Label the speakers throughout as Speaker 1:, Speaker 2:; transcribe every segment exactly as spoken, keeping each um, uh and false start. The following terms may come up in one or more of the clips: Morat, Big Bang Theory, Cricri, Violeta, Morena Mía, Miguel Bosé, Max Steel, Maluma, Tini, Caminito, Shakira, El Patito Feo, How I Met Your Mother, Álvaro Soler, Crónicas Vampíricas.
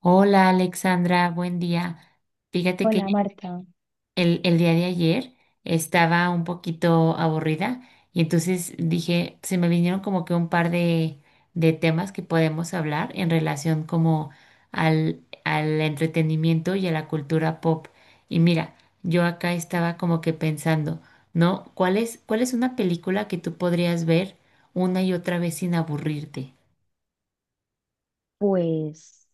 Speaker 1: Hola Alexandra, buen día. Fíjate que
Speaker 2: Hola Marta.
Speaker 1: el, el día de ayer estaba un poquito aburrida y entonces dije, se me vinieron como que un par de, de temas que podemos hablar en relación como al, al entretenimiento y a la cultura pop. Y mira, yo acá estaba como que pensando, ¿no? ¿Cuál es, cuál es una película que tú podrías ver una y otra vez sin aburrirte?
Speaker 2: Pues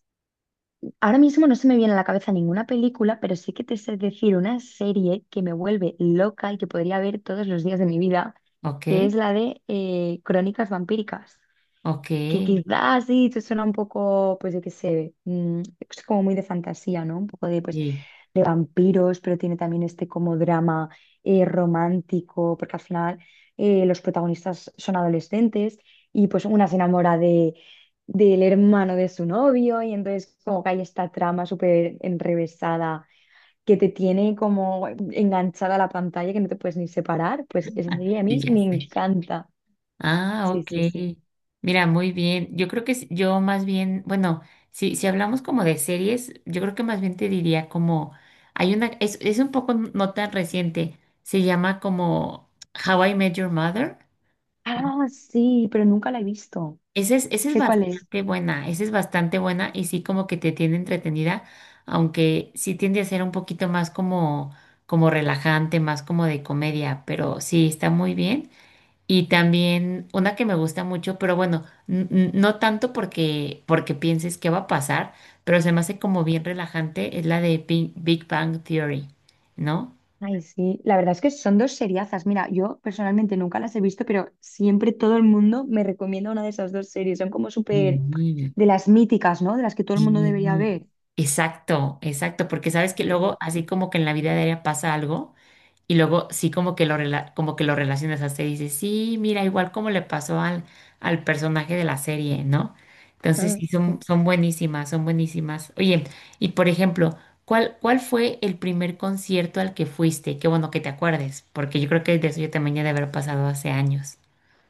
Speaker 2: ahora mismo no se me viene a la cabeza ninguna película, pero sí que te sé decir una serie que me vuelve loca y que podría ver todos los días de mi vida,
Speaker 1: ¿Ok?
Speaker 2: que es la de eh, Crónicas Vampíricas,
Speaker 1: Ok.
Speaker 2: que quizás sí, te suena un poco, pues yo qué sé, mm, es como muy de fantasía, ¿no? Un poco de, pues,
Speaker 1: Sí.
Speaker 2: de vampiros, pero tiene también este como drama eh, romántico, porque al final eh, los protagonistas son adolescentes y pues una se enamora de, del hermano de su novio y entonces como que hay esta trama súper enrevesada que te tiene como enganchada a la pantalla que no te puedes ni separar, pues esa serie a
Speaker 1: Sí,
Speaker 2: mí
Speaker 1: ya
Speaker 2: me
Speaker 1: sé.
Speaker 2: encanta.
Speaker 1: Ah,
Speaker 2: Sí,
Speaker 1: ok.
Speaker 2: sí, sí.
Speaker 1: Mira, muy bien. Yo creo que s- yo más bien, bueno, si, si hablamos como de series, yo creo que más bien te diría como, hay una, es, es un poco no tan reciente, se llama como How I Met Your Mother.
Speaker 2: Ah, sí, pero nunca la he visto.
Speaker 1: Esa es, esa es
Speaker 2: Sé cuál es.
Speaker 1: bastante buena, esa es bastante buena y sí como que te tiene entretenida, aunque sí tiende a ser un poquito más como, como relajante, más como de comedia, pero sí está muy bien. Y también una que me gusta mucho, pero bueno, n- n- no tanto porque, porque pienses qué va a pasar, pero se me hace como bien relajante, es la de Bi- Big Bang Theory, ¿no?
Speaker 2: Ay, sí. La verdad es que son dos seriazas. Mira, yo personalmente nunca las he visto, pero siempre todo el mundo me recomienda una de esas dos series. Son como súper
Speaker 1: Sí,
Speaker 2: de las míticas, ¿no? De las que todo el mundo debería
Speaker 1: sí.
Speaker 2: ver.
Speaker 1: Exacto, exacto, porque sabes que luego
Speaker 2: Sí.
Speaker 1: así como que en la vida diaria pasa algo. Y luego sí como que lo rela- como que lo relacionas hasta y dices, sí, mira, igual como le pasó al, al personaje de la serie, ¿no? Entonces
Speaker 2: Ah,
Speaker 1: sí, son,
Speaker 2: pues,
Speaker 1: son buenísimas, son buenísimas. Oye, y por ejemplo, ¿cuál, cuál fue el primer concierto al que fuiste? Qué bueno que te acuerdes, porque yo creo que de eso yo también ya de haber pasado hace años.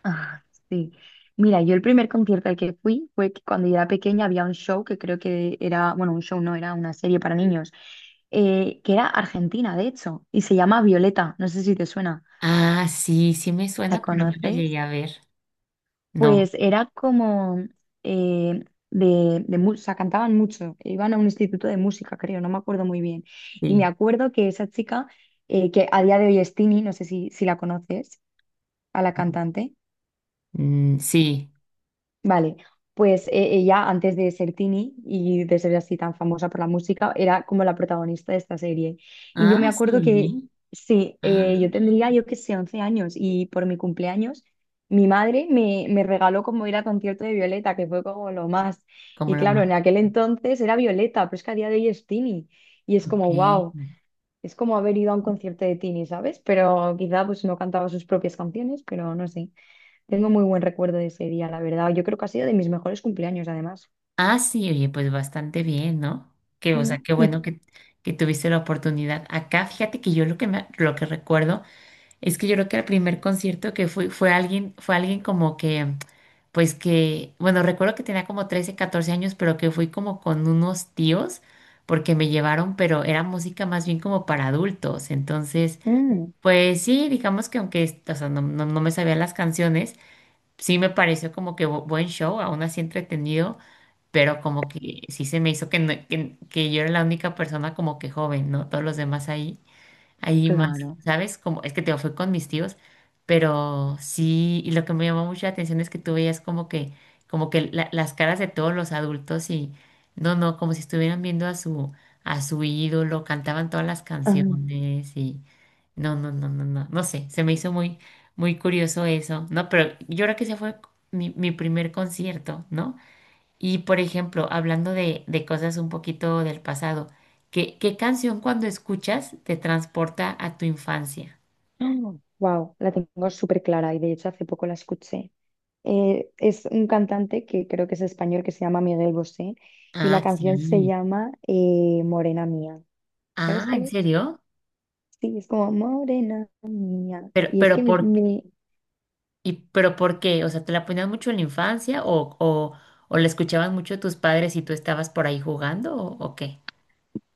Speaker 2: ah, sí. Mira, yo el primer concierto al que fui fue que cuando yo era pequeña había un show que creo que era, bueno, un show no, era una serie para niños, eh, que era argentina, de hecho, y se llama Violeta. No sé si te suena.
Speaker 1: Ah, sí, sí me
Speaker 2: ¿La
Speaker 1: suena, pero no la
Speaker 2: conoces?
Speaker 1: llegué a ver. No,
Speaker 2: Pues era como eh, de, de mu- o sea, cantaban mucho, iban a un instituto de música, creo, no me acuerdo muy bien. Y me
Speaker 1: sí.
Speaker 2: acuerdo que esa chica, eh, que a día de hoy es Tini, no sé si, si la conoces, a la cantante.
Speaker 1: Mm, sí.
Speaker 2: Vale, pues eh, ella antes de ser Tini y de ser así tan famosa por la música, era como la protagonista de esta serie. Y yo me
Speaker 1: Ah,
Speaker 2: acuerdo que,
Speaker 1: sí.
Speaker 2: sí, eh, yo
Speaker 1: Ah,
Speaker 2: tendría, yo que sé, once años y por mi cumpleaños, mi madre me, me regaló como ir a concierto de Violeta, que fue como lo más.
Speaker 1: como
Speaker 2: Y
Speaker 1: lo
Speaker 2: claro,
Speaker 1: más.
Speaker 2: en aquel entonces era Violeta, pero es que a día de hoy es Tini. Y es
Speaker 1: Ok.
Speaker 2: como, wow, es como haber ido a un concierto de Tini, ¿sabes? Pero quizá pues no cantaba sus propias canciones, pero no sé. Tengo muy buen recuerdo de ese día, la verdad. Yo creo que ha sido de mis mejores cumpleaños, además.
Speaker 1: Ah, sí, oye, pues bastante bien, ¿no? Que, o
Speaker 2: Mm.
Speaker 1: sea, qué
Speaker 2: Y
Speaker 1: bueno que, que, tuviste la oportunidad. Acá, fíjate que yo lo que me, lo que recuerdo es que yo creo que el primer concierto que fui fue alguien, fue alguien como que, pues que, bueno, recuerdo que tenía como trece, catorce años, pero que fui como con unos tíos porque me llevaron, pero era música más bien como para adultos. Entonces,
Speaker 2: mm,
Speaker 1: pues sí, digamos que aunque, o sea, no, no, no me sabía las canciones, sí me pareció como que bu- buen show, aún así entretenido pero como que sí se me hizo que, no- que, que yo era la única persona como que joven, ¿no? Todos los demás ahí, ahí más,
Speaker 2: claro.
Speaker 1: ¿sabes? Como, es que te digo, fui con mis tíos, pero sí, y lo que me llamó mucho la atención es que tú veías como que, como que la- las caras de todos los adultos y, no, no, como si estuvieran viendo a su, a su ídolo, cantaban todas las canciones y, no, no, no, no, no, no sé, se me hizo muy, muy curioso eso, ¿no? Pero yo creo que ese fue mi, mi primer concierto, ¿no? Y por ejemplo, hablando de, de cosas un poquito del pasado, ¿qué, qué canción cuando escuchas te transporta a tu infancia?
Speaker 2: Wow, la tengo súper clara y de hecho hace poco la escuché. Eh, es un cantante que creo que es español que se llama Miguel Bosé y la
Speaker 1: Ah,
Speaker 2: canción se
Speaker 1: sí.
Speaker 2: llama eh, Morena Mía. ¿Sabes
Speaker 1: Ah,
Speaker 2: cuál
Speaker 1: ¿en
Speaker 2: es?
Speaker 1: serio?
Speaker 2: Sí, es como Morena Mía.
Speaker 1: Pero,
Speaker 2: Y es que
Speaker 1: pero
Speaker 2: me,
Speaker 1: por,
Speaker 2: me-
Speaker 1: y, pero ¿por qué? O sea, ¿te la ponían mucho en la infancia o, o, o la escuchaban mucho tus padres y tú estabas por ahí jugando o, o qué?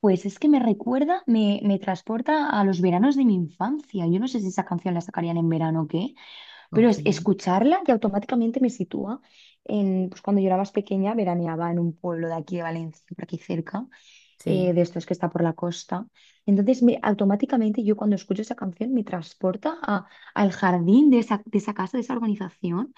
Speaker 2: Pues es que me recuerda, me, me transporta a los veranos de mi infancia. Yo no sé si esa canción la sacarían en verano o qué, pero
Speaker 1: Ok,
Speaker 2: es escucharla y automáticamente me sitúa en, pues cuando yo era más pequeña, veraneaba en un pueblo de aquí de Valencia, por aquí cerca, eh,
Speaker 1: sí,
Speaker 2: de estos que está por la costa. Entonces, me, automáticamente yo cuando escucho esa canción me transporta a- al jardín de esa, de esa, casa, de esa organización.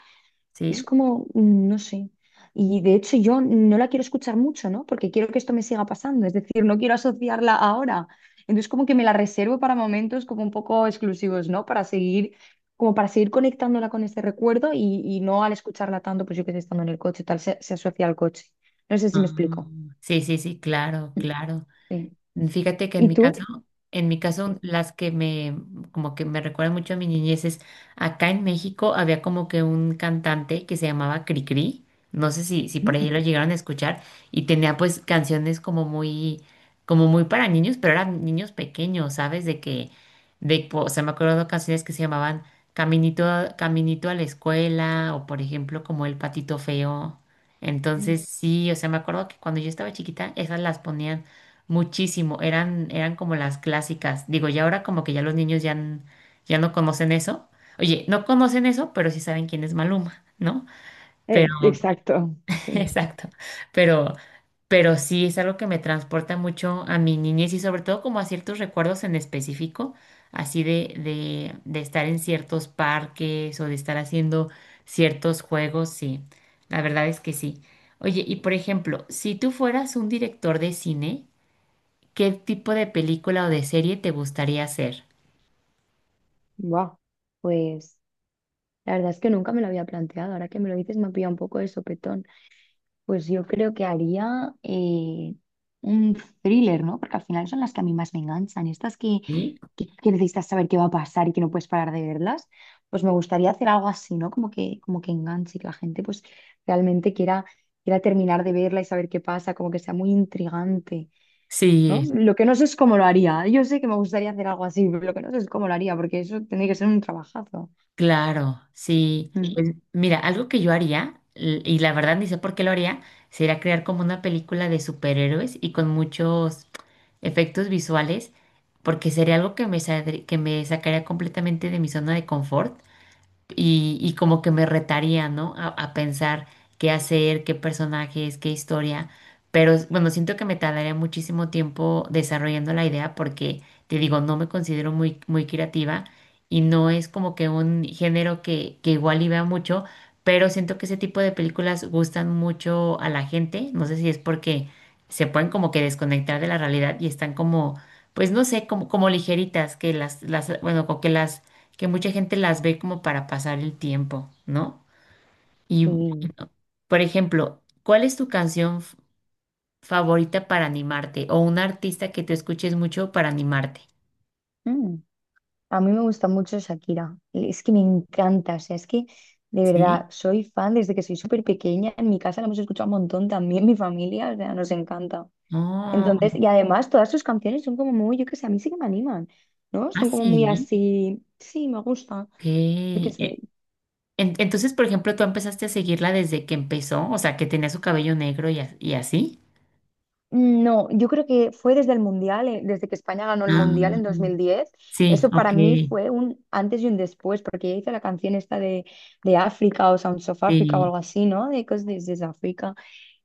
Speaker 2: Es
Speaker 1: sí.
Speaker 2: como, mm, no sé. Y de hecho yo no la quiero escuchar mucho, ¿no? Porque quiero que esto me siga pasando. Es decir, no quiero asociarla ahora. Entonces como que me la reservo para momentos como un poco exclusivos, ¿no? Para seguir, como para seguir conectándola con este recuerdo y, y no al escucharla tanto, pues yo que sé, estando en el coche, tal, se, se asocia al coche. No sé
Speaker 1: Ah,
Speaker 2: si me explico.
Speaker 1: sí, sí, sí, claro, claro.
Speaker 2: Sí.
Speaker 1: Fíjate que en
Speaker 2: ¿Y
Speaker 1: mi
Speaker 2: tú?
Speaker 1: caso, en mi caso,
Speaker 2: Sí.
Speaker 1: las que me, como que me recuerdan mucho a mi niñez es, acá en México había como que un cantante que se llamaba Cricri, no sé si, si por ahí
Speaker 2: Mm.
Speaker 1: lo llegaron a escuchar, y tenía pues canciones como muy, como muy para niños, pero eran niños pequeños, ¿sabes? De que, de, o sea, me acuerdo de canciones que se llamaban Caminito, a- Caminito a la escuela, o por ejemplo, como El Patito Feo. Entonces, sí, o sea, me acuerdo que cuando yo estaba chiquita, esas las ponían muchísimo, eran, eran como las clásicas. Digo, y ahora como que ya los niños ya, n- ya no conocen eso. Oye, no conocen eso, pero sí saben quién es Maluma, ¿no? Pero,
Speaker 2: Eh, exacto, sí.
Speaker 1: exacto, pero, pero sí es algo que me transporta mucho a mi niñez y sobre todo como a ciertos recuerdos en específico, así de, de, de estar en ciertos parques o de estar haciendo ciertos juegos, sí, la verdad es que sí. Oye, y por ejemplo, si tú fueras un director de cine, ¿qué tipo de película o de serie te gustaría hacer?
Speaker 2: Wow. Pues la verdad es que nunca me lo había planteado. Ahora que me lo dices me ha pillado un poco de sopetón. Pues yo creo que haría eh, un thriller, ¿no? Porque al final son las que a mí más me enganchan. Estas que,
Speaker 1: ¿Sí?
Speaker 2: que, que necesitas saber qué va a pasar y que no puedes parar de verlas. Pues me gustaría hacer algo así, ¿no? Como que, como que enganche, que la gente pues realmente quiera, quiera terminar de verla y saber qué pasa, como que sea muy intrigante, ¿no?
Speaker 1: Sí,
Speaker 2: Lo que no sé es cómo lo haría. Yo sé que me gustaría hacer algo así, pero lo que no sé es cómo lo haría, porque eso tendría que ser un trabajazo.
Speaker 1: claro, sí.
Speaker 2: Mm.
Speaker 1: Pues mira, algo que yo haría, l- y la verdad ni sé por qué lo haría, sería crear como una película de superhéroes y con muchos efectos visuales, porque sería algo que me, saldr- que me sacaría completamente de mi zona de confort. y, y como que me retaría, ¿no? A, a pensar qué hacer, qué personajes, qué historia. Pero bueno, siento que me tardaría muchísimo tiempo desarrollando la idea porque, te digo, no me considero muy, muy creativa y no es como que un género que, que igual y vea mucho, pero siento que ese tipo de películas gustan mucho a la gente. No sé si es porque se pueden como que desconectar de la realidad y están como, pues no sé, como, como ligeritas, que las, las, bueno, como que las que mucha gente las ve como para pasar el tiempo, ¿no? Y,
Speaker 2: Sí.
Speaker 1: por ejemplo, ¿cuál es tu canción f- favorita para animarte o un artista que te escuches mucho para animarte?
Speaker 2: Mm. A mí me gusta mucho Shakira, es que me encanta, o sea, es que de
Speaker 1: Sí.
Speaker 2: verdad soy fan desde que soy súper pequeña, en mi casa la hemos escuchado un montón también, mi familia, o sea, nos encanta.
Speaker 1: Oh,
Speaker 2: Entonces, y además todas sus canciones son como muy, yo qué sé, a mí sí que me animan, ¿no?
Speaker 1: ah,
Speaker 2: Son como muy
Speaker 1: sí.
Speaker 2: así, sí, me gusta,
Speaker 1: Ok.
Speaker 2: yo qué sé.
Speaker 1: Eh, en- entonces, por ejemplo, tú empezaste a seguirla desde que empezó, o sea, que tenía su cabello negro y, a- y así.
Speaker 2: No, yo creo que fue desde el Mundial, eh, desde que España ganó el Mundial
Speaker 1: Ah,
Speaker 2: en dos mil diez.
Speaker 1: sí,
Speaker 2: Eso
Speaker 1: ok,
Speaker 2: para mí fue un antes y un después, porque ya hice la canción esta de, de África o Sounds of Africa o
Speaker 1: sí,
Speaker 2: algo así, ¿no? De Cause This is Africa.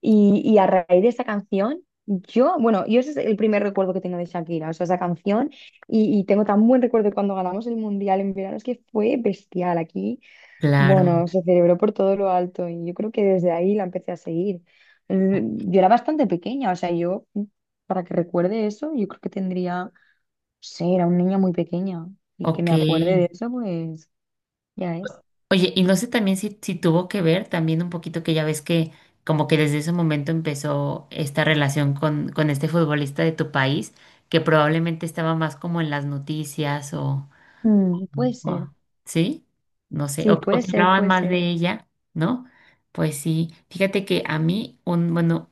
Speaker 2: Y, y a raíz de esa canción, yo, bueno, yo ese es el primer recuerdo que tengo de Shakira, o sea, esa canción. Y, y tengo tan buen recuerdo de cuando ganamos el Mundial en verano, es que fue bestial aquí.
Speaker 1: claro.
Speaker 2: Bueno, se celebró por todo lo alto y yo creo que desde ahí la empecé a seguir. Eh, Yo era bastante pequeña, o sea, yo, mm, para que recuerde eso, yo creo que tendría, no sé, era una niña muy pequeña y que
Speaker 1: Ok.
Speaker 2: me acuerde de eso, pues ya es.
Speaker 1: Oye, y no sé también si, si tuvo que ver también un poquito que ya ves que como que desde ese momento empezó esta relación con, con este futbolista de tu país, que probablemente estaba más como en las noticias o,
Speaker 2: Mm, puede ser,
Speaker 1: o- ¿sí? No sé, o,
Speaker 2: sí,
Speaker 1: o
Speaker 2: puede
Speaker 1: que
Speaker 2: ser,
Speaker 1: hablaban
Speaker 2: puede
Speaker 1: más
Speaker 2: ser.
Speaker 1: de ella, ¿no? Pues sí, fíjate que a mí, un, bueno,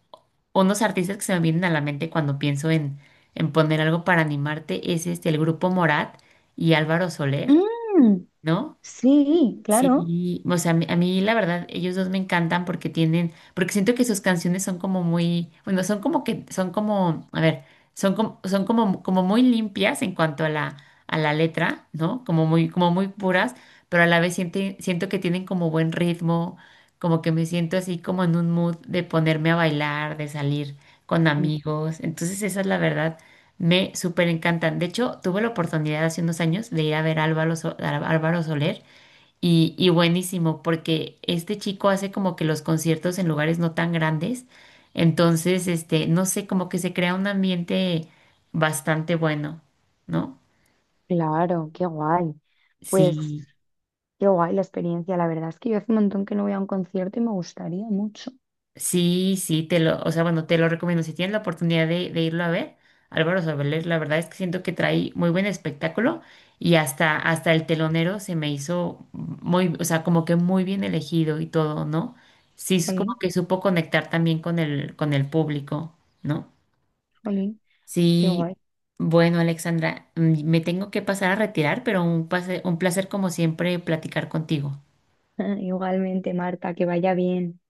Speaker 1: unos artistas que se me vienen a la mente cuando pienso en, en poner algo para animarte es este, el grupo Morat y Álvaro Soler,
Speaker 2: Mm,
Speaker 1: ¿no?
Speaker 2: sí, claro.
Speaker 1: Sí, o sea, a mí, a mí la verdad, ellos dos me encantan porque tienen, porque siento que sus canciones son como muy, bueno, son como que, son como, a ver, son como, son como, como muy limpias en cuanto a la, a la letra, ¿no? Como muy, como muy puras, pero a la vez siento, siento que tienen como buen ritmo, como que me siento así como en un mood de ponerme a bailar, de salir con
Speaker 2: Mm,
Speaker 1: amigos. Entonces, esa es la verdad, me súper encantan. De hecho, tuve la oportunidad hace unos años de ir a ver a Álvaro, So- a Álvaro Soler. Y, y buenísimo, porque este chico hace como que los conciertos en lugares no tan grandes, entonces, este, no sé, como que se crea un ambiente bastante bueno, ¿no?
Speaker 2: claro, qué guay. Pues
Speaker 1: Sí,
Speaker 2: qué guay la experiencia, la verdad es que yo hace un montón que no voy a un concierto y me gustaría mucho.
Speaker 1: sí, sí, te lo, o sea, bueno, te lo recomiendo. Si tienes la oportunidad de, de irlo a ver, Álvaro Soler, la verdad es que siento que trae muy buen espectáculo y hasta, hasta el telonero se me hizo muy, o sea, como que muy bien elegido y todo, ¿no? Sí, es como
Speaker 2: Jolín,
Speaker 1: que supo conectar también con el, con el, público, ¿no?
Speaker 2: jolín, qué
Speaker 1: Sí,
Speaker 2: guay.
Speaker 1: bueno, Alexandra, mm, me tengo que pasar a retirar, pero un pase- un placer como siempre platicar contigo.
Speaker 2: Igualmente, Marta, que vaya bien.